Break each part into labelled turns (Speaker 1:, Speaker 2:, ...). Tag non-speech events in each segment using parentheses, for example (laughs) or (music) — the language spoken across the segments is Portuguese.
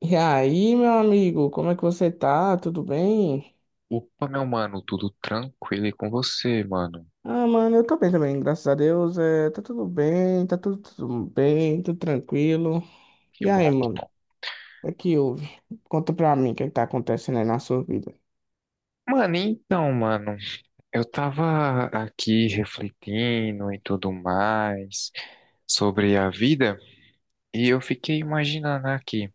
Speaker 1: E aí, meu amigo, como é que você tá? Tudo bem?
Speaker 2: Opa, meu mano, tudo tranquilo e com você, mano?
Speaker 1: Ah, mano, eu tô bem também, graças a Deus. É, tá tudo bem, tá tudo bem, tudo tranquilo.
Speaker 2: Que
Speaker 1: E
Speaker 2: bom,
Speaker 1: aí,
Speaker 2: que
Speaker 1: mano,
Speaker 2: bom.
Speaker 1: o que que houve? Conta pra mim o que é que tá acontecendo aí na sua vida.
Speaker 2: Mano, então, mano, eu tava aqui refletindo e tudo mais sobre a vida e eu fiquei imaginando aqui,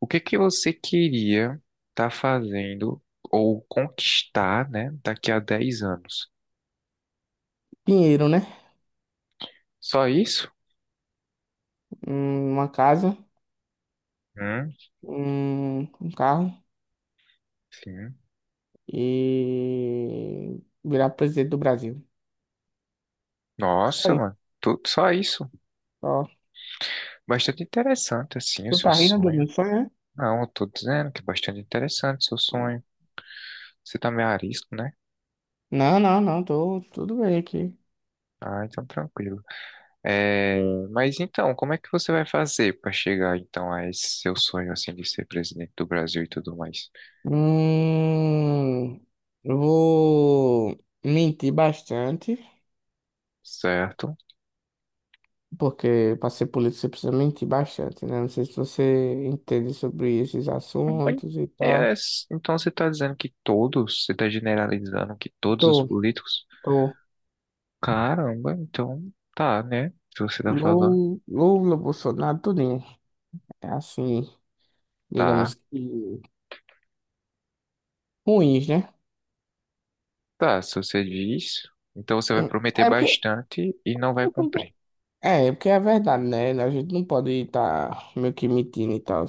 Speaker 2: o que que você queria tá fazendo ou conquistar, né, daqui a 10 anos?
Speaker 1: Dinheiro, né?
Speaker 2: Só isso?
Speaker 1: Uma casa,
Speaker 2: Hum,
Speaker 1: um carro
Speaker 2: sim.
Speaker 1: e virar presidente do Brasil. Só
Speaker 2: Nossa,
Speaker 1: isso,
Speaker 2: mano, tudo só isso.
Speaker 1: só.
Speaker 2: Bastante interessante, assim, o
Speaker 1: Tu
Speaker 2: seu
Speaker 1: tá rindo do
Speaker 2: sonho.
Speaker 1: meu sonho, né?
Speaker 2: Não, eu tô dizendo que é bastante interessante o seu sonho. Você também é arisco, né?
Speaker 1: Não, não, não, tô tudo bem aqui.
Speaker 2: Ah, então tranquilo. É, mas então, como é que você vai fazer para chegar então a esse seu sonho assim de ser presidente do Brasil e tudo mais?
Speaker 1: Hum, eu vou mentir bastante,
Speaker 2: Certo?
Speaker 1: porque para ser político você precisa mentir bastante, né? Não sei se você entende sobre esses
Speaker 2: Bem,
Speaker 1: assuntos e
Speaker 2: é,
Speaker 1: tal.
Speaker 2: então você está dizendo que todos, você está generalizando que todos os
Speaker 1: Tô,
Speaker 2: políticos?
Speaker 1: tô.
Speaker 2: Caramba, então tá, né? Se você tá falando,
Speaker 1: Lula, Lula, Bolsonaro, tudinho. É assim, digamos
Speaker 2: tá,
Speaker 1: que ruins, né?
Speaker 2: tá. Se você diz, então você vai
Speaker 1: Hum,
Speaker 2: prometer
Speaker 1: É porque,
Speaker 2: bastante e não vai cumprir.
Speaker 1: é, porque É porque é verdade, né? A gente não pode estar meio que mentindo e tal.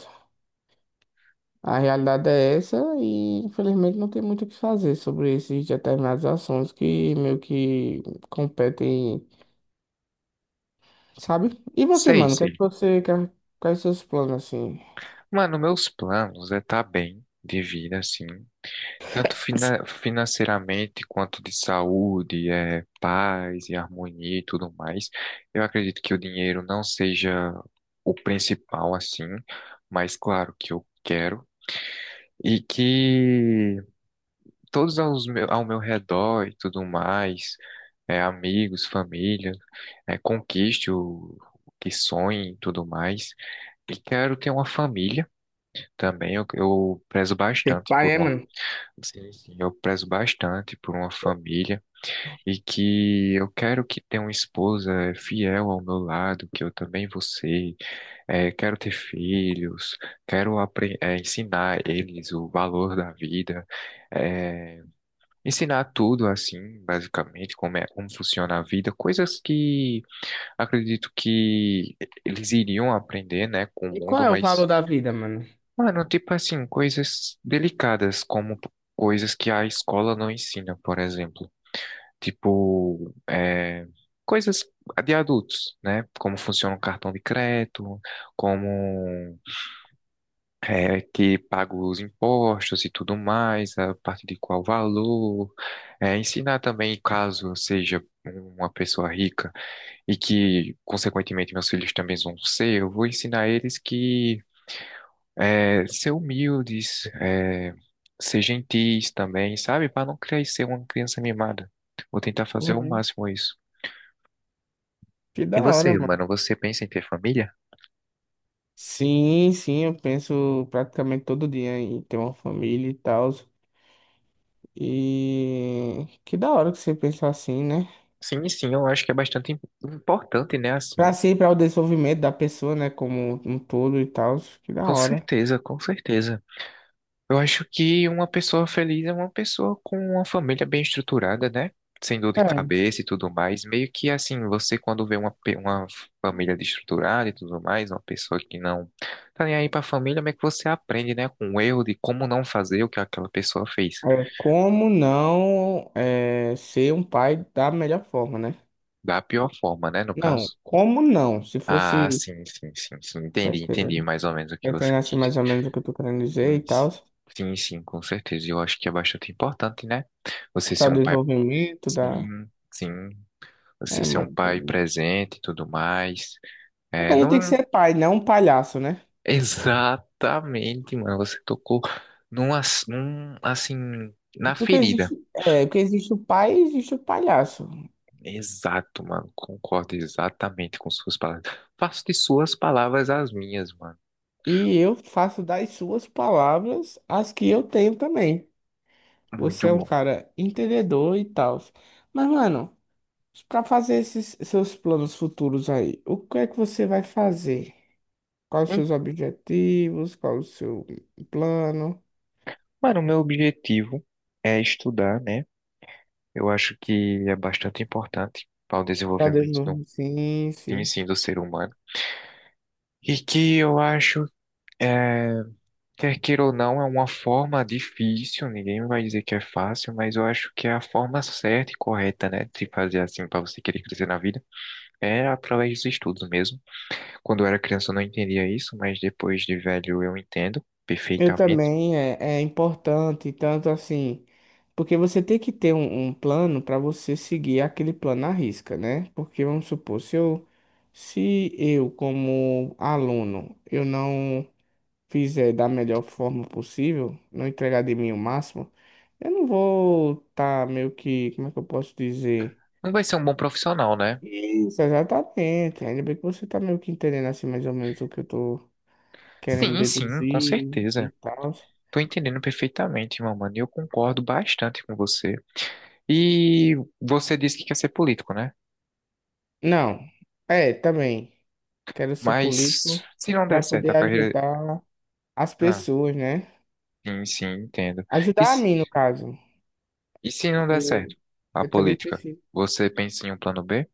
Speaker 1: A realidade é essa e infelizmente não tem muito o que fazer sobre esses determinados assuntos que meio que competem, sabe? E você,
Speaker 2: Sei,
Speaker 1: mano, o que é que
Speaker 2: sei.
Speaker 1: você quer, quais seus planos assim?
Speaker 2: Mano, meus planos é tá bem de vida assim. Tanto financeiramente quanto de saúde, é, paz e harmonia e tudo mais. Eu acredito que o dinheiro não seja o principal assim, mas claro que eu quero. E que todos aos meu, ao meu redor e tudo mais, é, amigos, família, é, conquiste o que sonhe e tudo mais. E quero ter uma família também, eu prezo
Speaker 1: Ter
Speaker 2: bastante
Speaker 1: pai,
Speaker 2: por
Speaker 1: é,
Speaker 2: uma.
Speaker 1: mano?
Speaker 2: Sim, sim, eu prezo bastante por uma família e que eu quero que tenha uma esposa fiel ao meu lado, que eu também vou ser. Quero ter filhos, quero ensinar eles o valor da vida, eh, ensinar tudo assim, basicamente, como é, como funciona a vida, coisas que acredito que eles iriam aprender, né, com o
Speaker 1: E qual
Speaker 2: mundo,
Speaker 1: é o
Speaker 2: mas.
Speaker 1: valor da vida, mano?
Speaker 2: Mano, tipo assim, coisas delicadas, como coisas que a escola não ensina, por exemplo. Tipo, é, coisas de adultos, né? Como funciona o cartão de crédito, como é que paga os impostos e tudo mais, a partir de qual valor. É, ensinar também, caso eu seja uma pessoa rica e que, consequentemente, meus filhos também vão ser, eu vou ensinar eles que. É, ser humildes, é, ser gentis também, sabe? Para não crescer uma criança mimada. Vou tentar fazer o
Speaker 1: Uhum.
Speaker 2: máximo isso.
Speaker 1: Que da
Speaker 2: E
Speaker 1: hora,
Speaker 2: você,
Speaker 1: mano.
Speaker 2: mano, você pensa em ter família?
Speaker 1: Sim, sim, eu penso praticamente todo dia em ter uma família e tal. E que da hora que você pensa assim, né?
Speaker 2: Sim, sim, eu acho que é bastante importante, né? Assim,
Speaker 1: Pra si, pra o desenvolvimento da pessoa, né? Como um todo e tal. Que da
Speaker 2: com
Speaker 1: hora.
Speaker 2: certeza, com certeza. Eu acho que uma pessoa feliz é uma pessoa com uma família bem estruturada, né? Sem dor de
Speaker 1: É,
Speaker 2: cabeça e tudo mais. Meio que assim, você quando vê uma família desestruturada e tudo mais, uma pessoa que não tá nem aí pra família, como é que você aprende, né? Com o erro de como não fazer o que aquela pessoa fez.
Speaker 1: Como não é, ser um pai da melhor forma, né?
Speaker 2: Da pior forma, né? No
Speaker 1: Não,
Speaker 2: caso.
Speaker 1: como não? Se
Speaker 2: Ah,
Speaker 1: fosse
Speaker 2: sim, sim, sim, sim. Entendi, entendi
Speaker 1: é,
Speaker 2: mais ou menos o que você
Speaker 1: entendendo assim
Speaker 2: quis
Speaker 1: mais
Speaker 2: dizer.
Speaker 1: ou menos o que eu tô querendo dizer e
Speaker 2: Sim,
Speaker 1: tal,
Speaker 2: sim, sim, sim, com certeza. Eu acho que é bastante importante, né? Você ser
Speaker 1: para
Speaker 2: um pai.
Speaker 1: desenvolvimento da.
Speaker 2: Sim, sim. Você
Speaker 1: É,
Speaker 2: ser um
Speaker 1: mano.
Speaker 2: pai presente e tudo mais.
Speaker 1: É que
Speaker 2: É,
Speaker 1: a gente tem
Speaker 2: não
Speaker 1: que
Speaker 2: é um
Speaker 1: ser pai, não um palhaço, né?
Speaker 2: (laughs) exatamente, mano. Você tocou num, assim, na
Speaker 1: Porque
Speaker 2: ferida.
Speaker 1: existe, porque existe o pai e existe o palhaço.
Speaker 2: Exato, mano. Concordo exatamente com suas palavras. Faço de suas palavras as minhas, mano.
Speaker 1: E eu faço das suas palavras as que eu tenho também. Você
Speaker 2: Muito
Speaker 1: é um
Speaker 2: bom.
Speaker 1: cara entendedor e tal. Mas, mano. Para fazer esses seus planos futuros aí, o que é que você vai fazer? Quais os
Speaker 2: Hum,
Speaker 1: seus objetivos? Qual o seu plano?
Speaker 2: Mano, o meu objetivo é estudar, né? Eu acho que é bastante importante para o
Speaker 1: Já
Speaker 2: desenvolvimento do,
Speaker 1: desenvolveu? Sim,
Speaker 2: sim,
Speaker 1: sim.
Speaker 2: sim, do ser humano. E que eu acho é, quer queira ou não, é uma forma difícil, ninguém vai dizer que é fácil, mas eu acho que é a forma certa e correta, né, de fazer assim para você querer crescer na vida, é através dos estudos mesmo. Quando eu era criança eu não entendia isso, mas depois de velho eu entendo
Speaker 1: Eu
Speaker 2: perfeitamente.
Speaker 1: também é, é importante, tanto assim, porque você tem que ter um plano para você seguir aquele plano à risca, né? Porque vamos supor, se eu como aluno, eu não fizer da melhor forma possível, não entregar de mim o máximo, eu não vou estar meio que, como é que eu posso dizer?
Speaker 2: Não vai ser um bom profissional, né?
Speaker 1: Isso, exatamente. Ainda bem que você tá meio que entendendo assim mais ou menos o que eu tô querendo
Speaker 2: Sim, sim, com
Speaker 1: deduzir e
Speaker 2: certeza.
Speaker 1: tal.
Speaker 2: Tô entendendo perfeitamente, meu mano, e eu concordo bastante com você. E você disse que quer ser político, né?
Speaker 1: Não, é, também. Quero ser
Speaker 2: Mas
Speaker 1: político
Speaker 2: se não der
Speaker 1: para
Speaker 2: certo a
Speaker 1: poder
Speaker 2: carreira.
Speaker 1: ajudar as
Speaker 2: Ah,
Speaker 1: pessoas, né?
Speaker 2: sim, sim, entendo. E
Speaker 1: Ajudar a mim, no caso,
Speaker 2: E se não der certo
Speaker 1: porque
Speaker 2: a
Speaker 1: eu também
Speaker 2: política,
Speaker 1: preciso.
Speaker 2: você pensa em um plano B?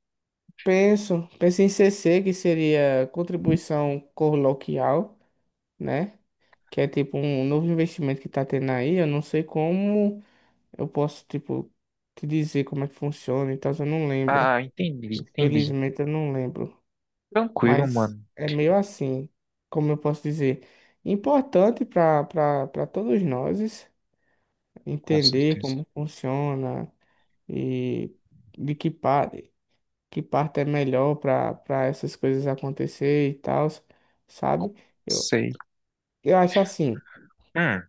Speaker 1: Penso, penso em CC, que seria contribuição coloquial, né? Que é tipo um novo investimento que tá tendo aí. Eu não sei como eu posso, tipo, te dizer como é que funciona e tal. Eu não lembro.
Speaker 2: Ah, entendi, entendi.
Speaker 1: Infelizmente eu não lembro.
Speaker 2: Tranquilo,
Speaker 1: Mas
Speaker 2: mano,
Speaker 1: é meio assim, como eu posso dizer, importante para todos nós
Speaker 2: com
Speaker 1: entender
Speaker 2: certeza.
Speaker 1: como funciona e de que parte é melhor para essas coisas acontecer e tal, sabe? Eu,
Speaker 2: Sei.
Speaker 1: eu acho assim.
Speaker 2: Hum,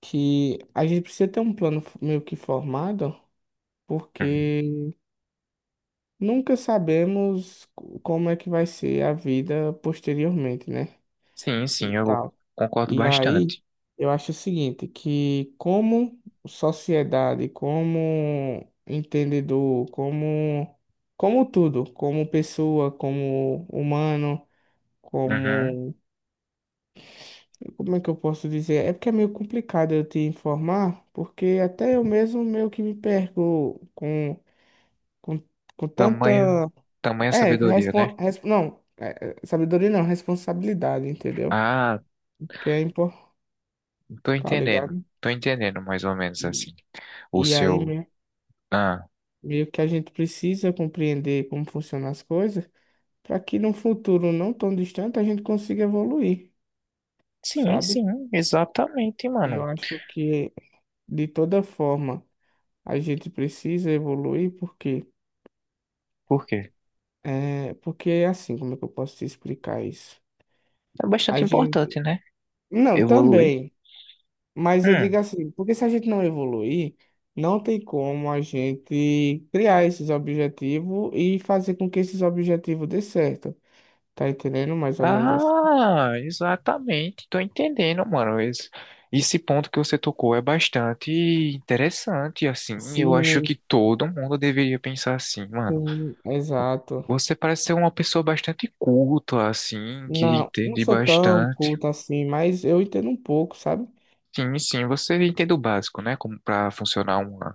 Speaker 1: Que a gente precisa ter um plano f- meio que formado,
Speaker 2: hum.
Speaker 1: porque nunca sabemos co- como é que vai ser a vida posteriormente, né?
Speaker 2: Sim,
Speaker 1: E
Speaker 2: sim, eu
Speaker 1: tal.
Speaker 2: concordo
Speaker 1: E aí,
Speaker 2: bastante.
Speaker 1: eu acho o seguinte, que como sociedade, como entendedor, como tudo, como pessoa, como humano,
Speaker 2: Uhum.
Speaker 1: como é que eu posso dizer? É porque é meio complicado eu te informar, porque até eu mesmo meio que me perco com, com
Speaker 2: Tamanha,
Speaker 1: tanta.
Speaker 2: tamanha
Speaker 1: É,
Speaker 2: sabedoria, né?
Speaker 1: respon... res- não, é, é, sabedoria não, responsabilidade, entendeu?
Speaker 2: Ah,
Speaker 1: Que é importante,
Speaker 2: tô
Speaker 1: tá
Speaker 2: entendendo.
Speaker 1: ligado?
Speaker 2: Tô entendendo mais ou menos
Speaker 1: E,
Speaker 2: assim. O
Speaker 1: e aí
Speaker 2: seu.
Speaker 1: me-
Speaker 2: Ah.
Speaker 1: meio que a gente precisa compreender como funcionam as coisas para que num futuro não tão distante a gente consiga evoluir,
Speaker 2: Sim,
Speaker 1: sabe?
Speaker 2: sim, exatamente,
Speaker 1: Eu
Speaker 2: mano.
Speaker 1: acho que de toda forma a gente precisa evoluir porque
Speaker 2: Por quê?
Speaker 1: é assim, como é que eu posso te explicar isso?
Speaker 2: É
Speaker 1: A
Speaker 2: bastante
Speaker 1: gente.
Speaker 2: importante, né?
Speaker 1: Não,
Speaker 2: Evoluir.
Speaker 1: também. Mas eu digo
Speaker 2: Hum.
Speaker 1: assim, porque se a gente não evoluir, não tem como a gente criar esses objetivos e fazer com que esses objetivos dê certo. Tá entendendo mais ou menos assim?
Speaker 2: Ah, exatamente. Tô entendendo, mano. Esse ponto que você tocou é bastante interessante, assim. Eu acho
Speaker 1: Sim,
Speaker 2: que todo mundo deveria pensar assim, mano.
Speaker 1: sim, exato.
Speaker 2: Você parece ser uma pessoa bastante culta, assim, que
Speaker 1: Não, não
Speaker 2: entende
Speaker 1: sou tão
Speaker 2: bastante.
Speaker 1: culto assim, mas eu entendo um pouco, sabe?
Speaker 2: Sim, sim, você entende o básico, né? Como pra funcionar uma.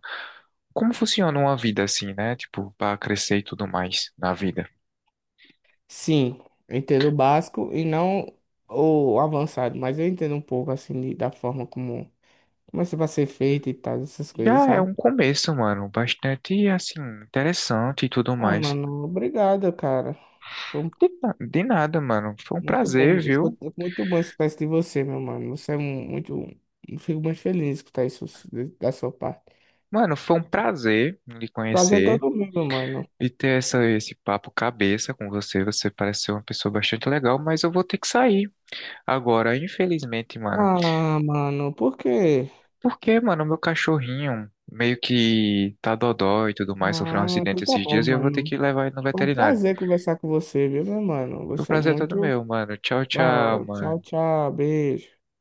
Speaker 2: Como funciona uma vida assim, né? Tipo, pra crescer e tudo mais na vida.
Speaker 1: Sim, eu entendo o básico e não o avançado, mas eu entendo um pouco assim de- da forma como, como isso vai ser feito e tal, essas coisas,
Speaker 2: Já é
Speaker 1: sabe?
Speaker 2: um começo, mano, bastante assim interessante e tudo
Speaker 1: Ah,
Speaker 2: mais.
Speaker 1: mano, obrigado, cara. Foi
Speaker 2: De nada, mano. Foi um
Speaker 1: muito
Speaker 2: prazer,
Speaker 1: bom,
Speaker 2: viu?
Speaker 1: escutar- muito bom escutar isso de você, meu mano. Você é um- muito. Eu fico muito feliz de escutar isso de- da sua parte.
Speaker 2: Mano, foi um prazer lhe
Speaker 1: Prazer é
Speaker 2: conhecer
Speaker 1: todo meu, meu mano.
Speaker 2: e ter essa, esse papo cabeça com você. Você parece ser uma pessoa bastante legal, mas eu vou ter que sair agora, infelizmente, mano.
Speaker 1: Ah, mano, por quê?
Speaker 2: Porque, mano, meu cachorrinho meio que tá dodó e tudo mais, sofreu um
Speaker 1: Ah,
Speaker 2: acidente
Speaker 1: então tá
Speaker 2: esses
Speaker 1: bom,
Speaker 2: dias e eu vou ter
Speaker 1: mano.
Speaker 2: que levar ele no
Speaker 1: Foi um
Speaker 2: veterinário.
Speaker 1: prazer conversar com você, viu, meu mano?
Speaker 2: Meu
Speaker 1: Você é
Speaker 2: prazer é todo
Speaker 1: muito
Speaker 2: meu, mano. Tchau,
Speaker 1: da
Speaker 2: tchau,
Speaker 1: hora.
Speaker 2: mano.
Speaker 1: Tchau, tchau. Beijo.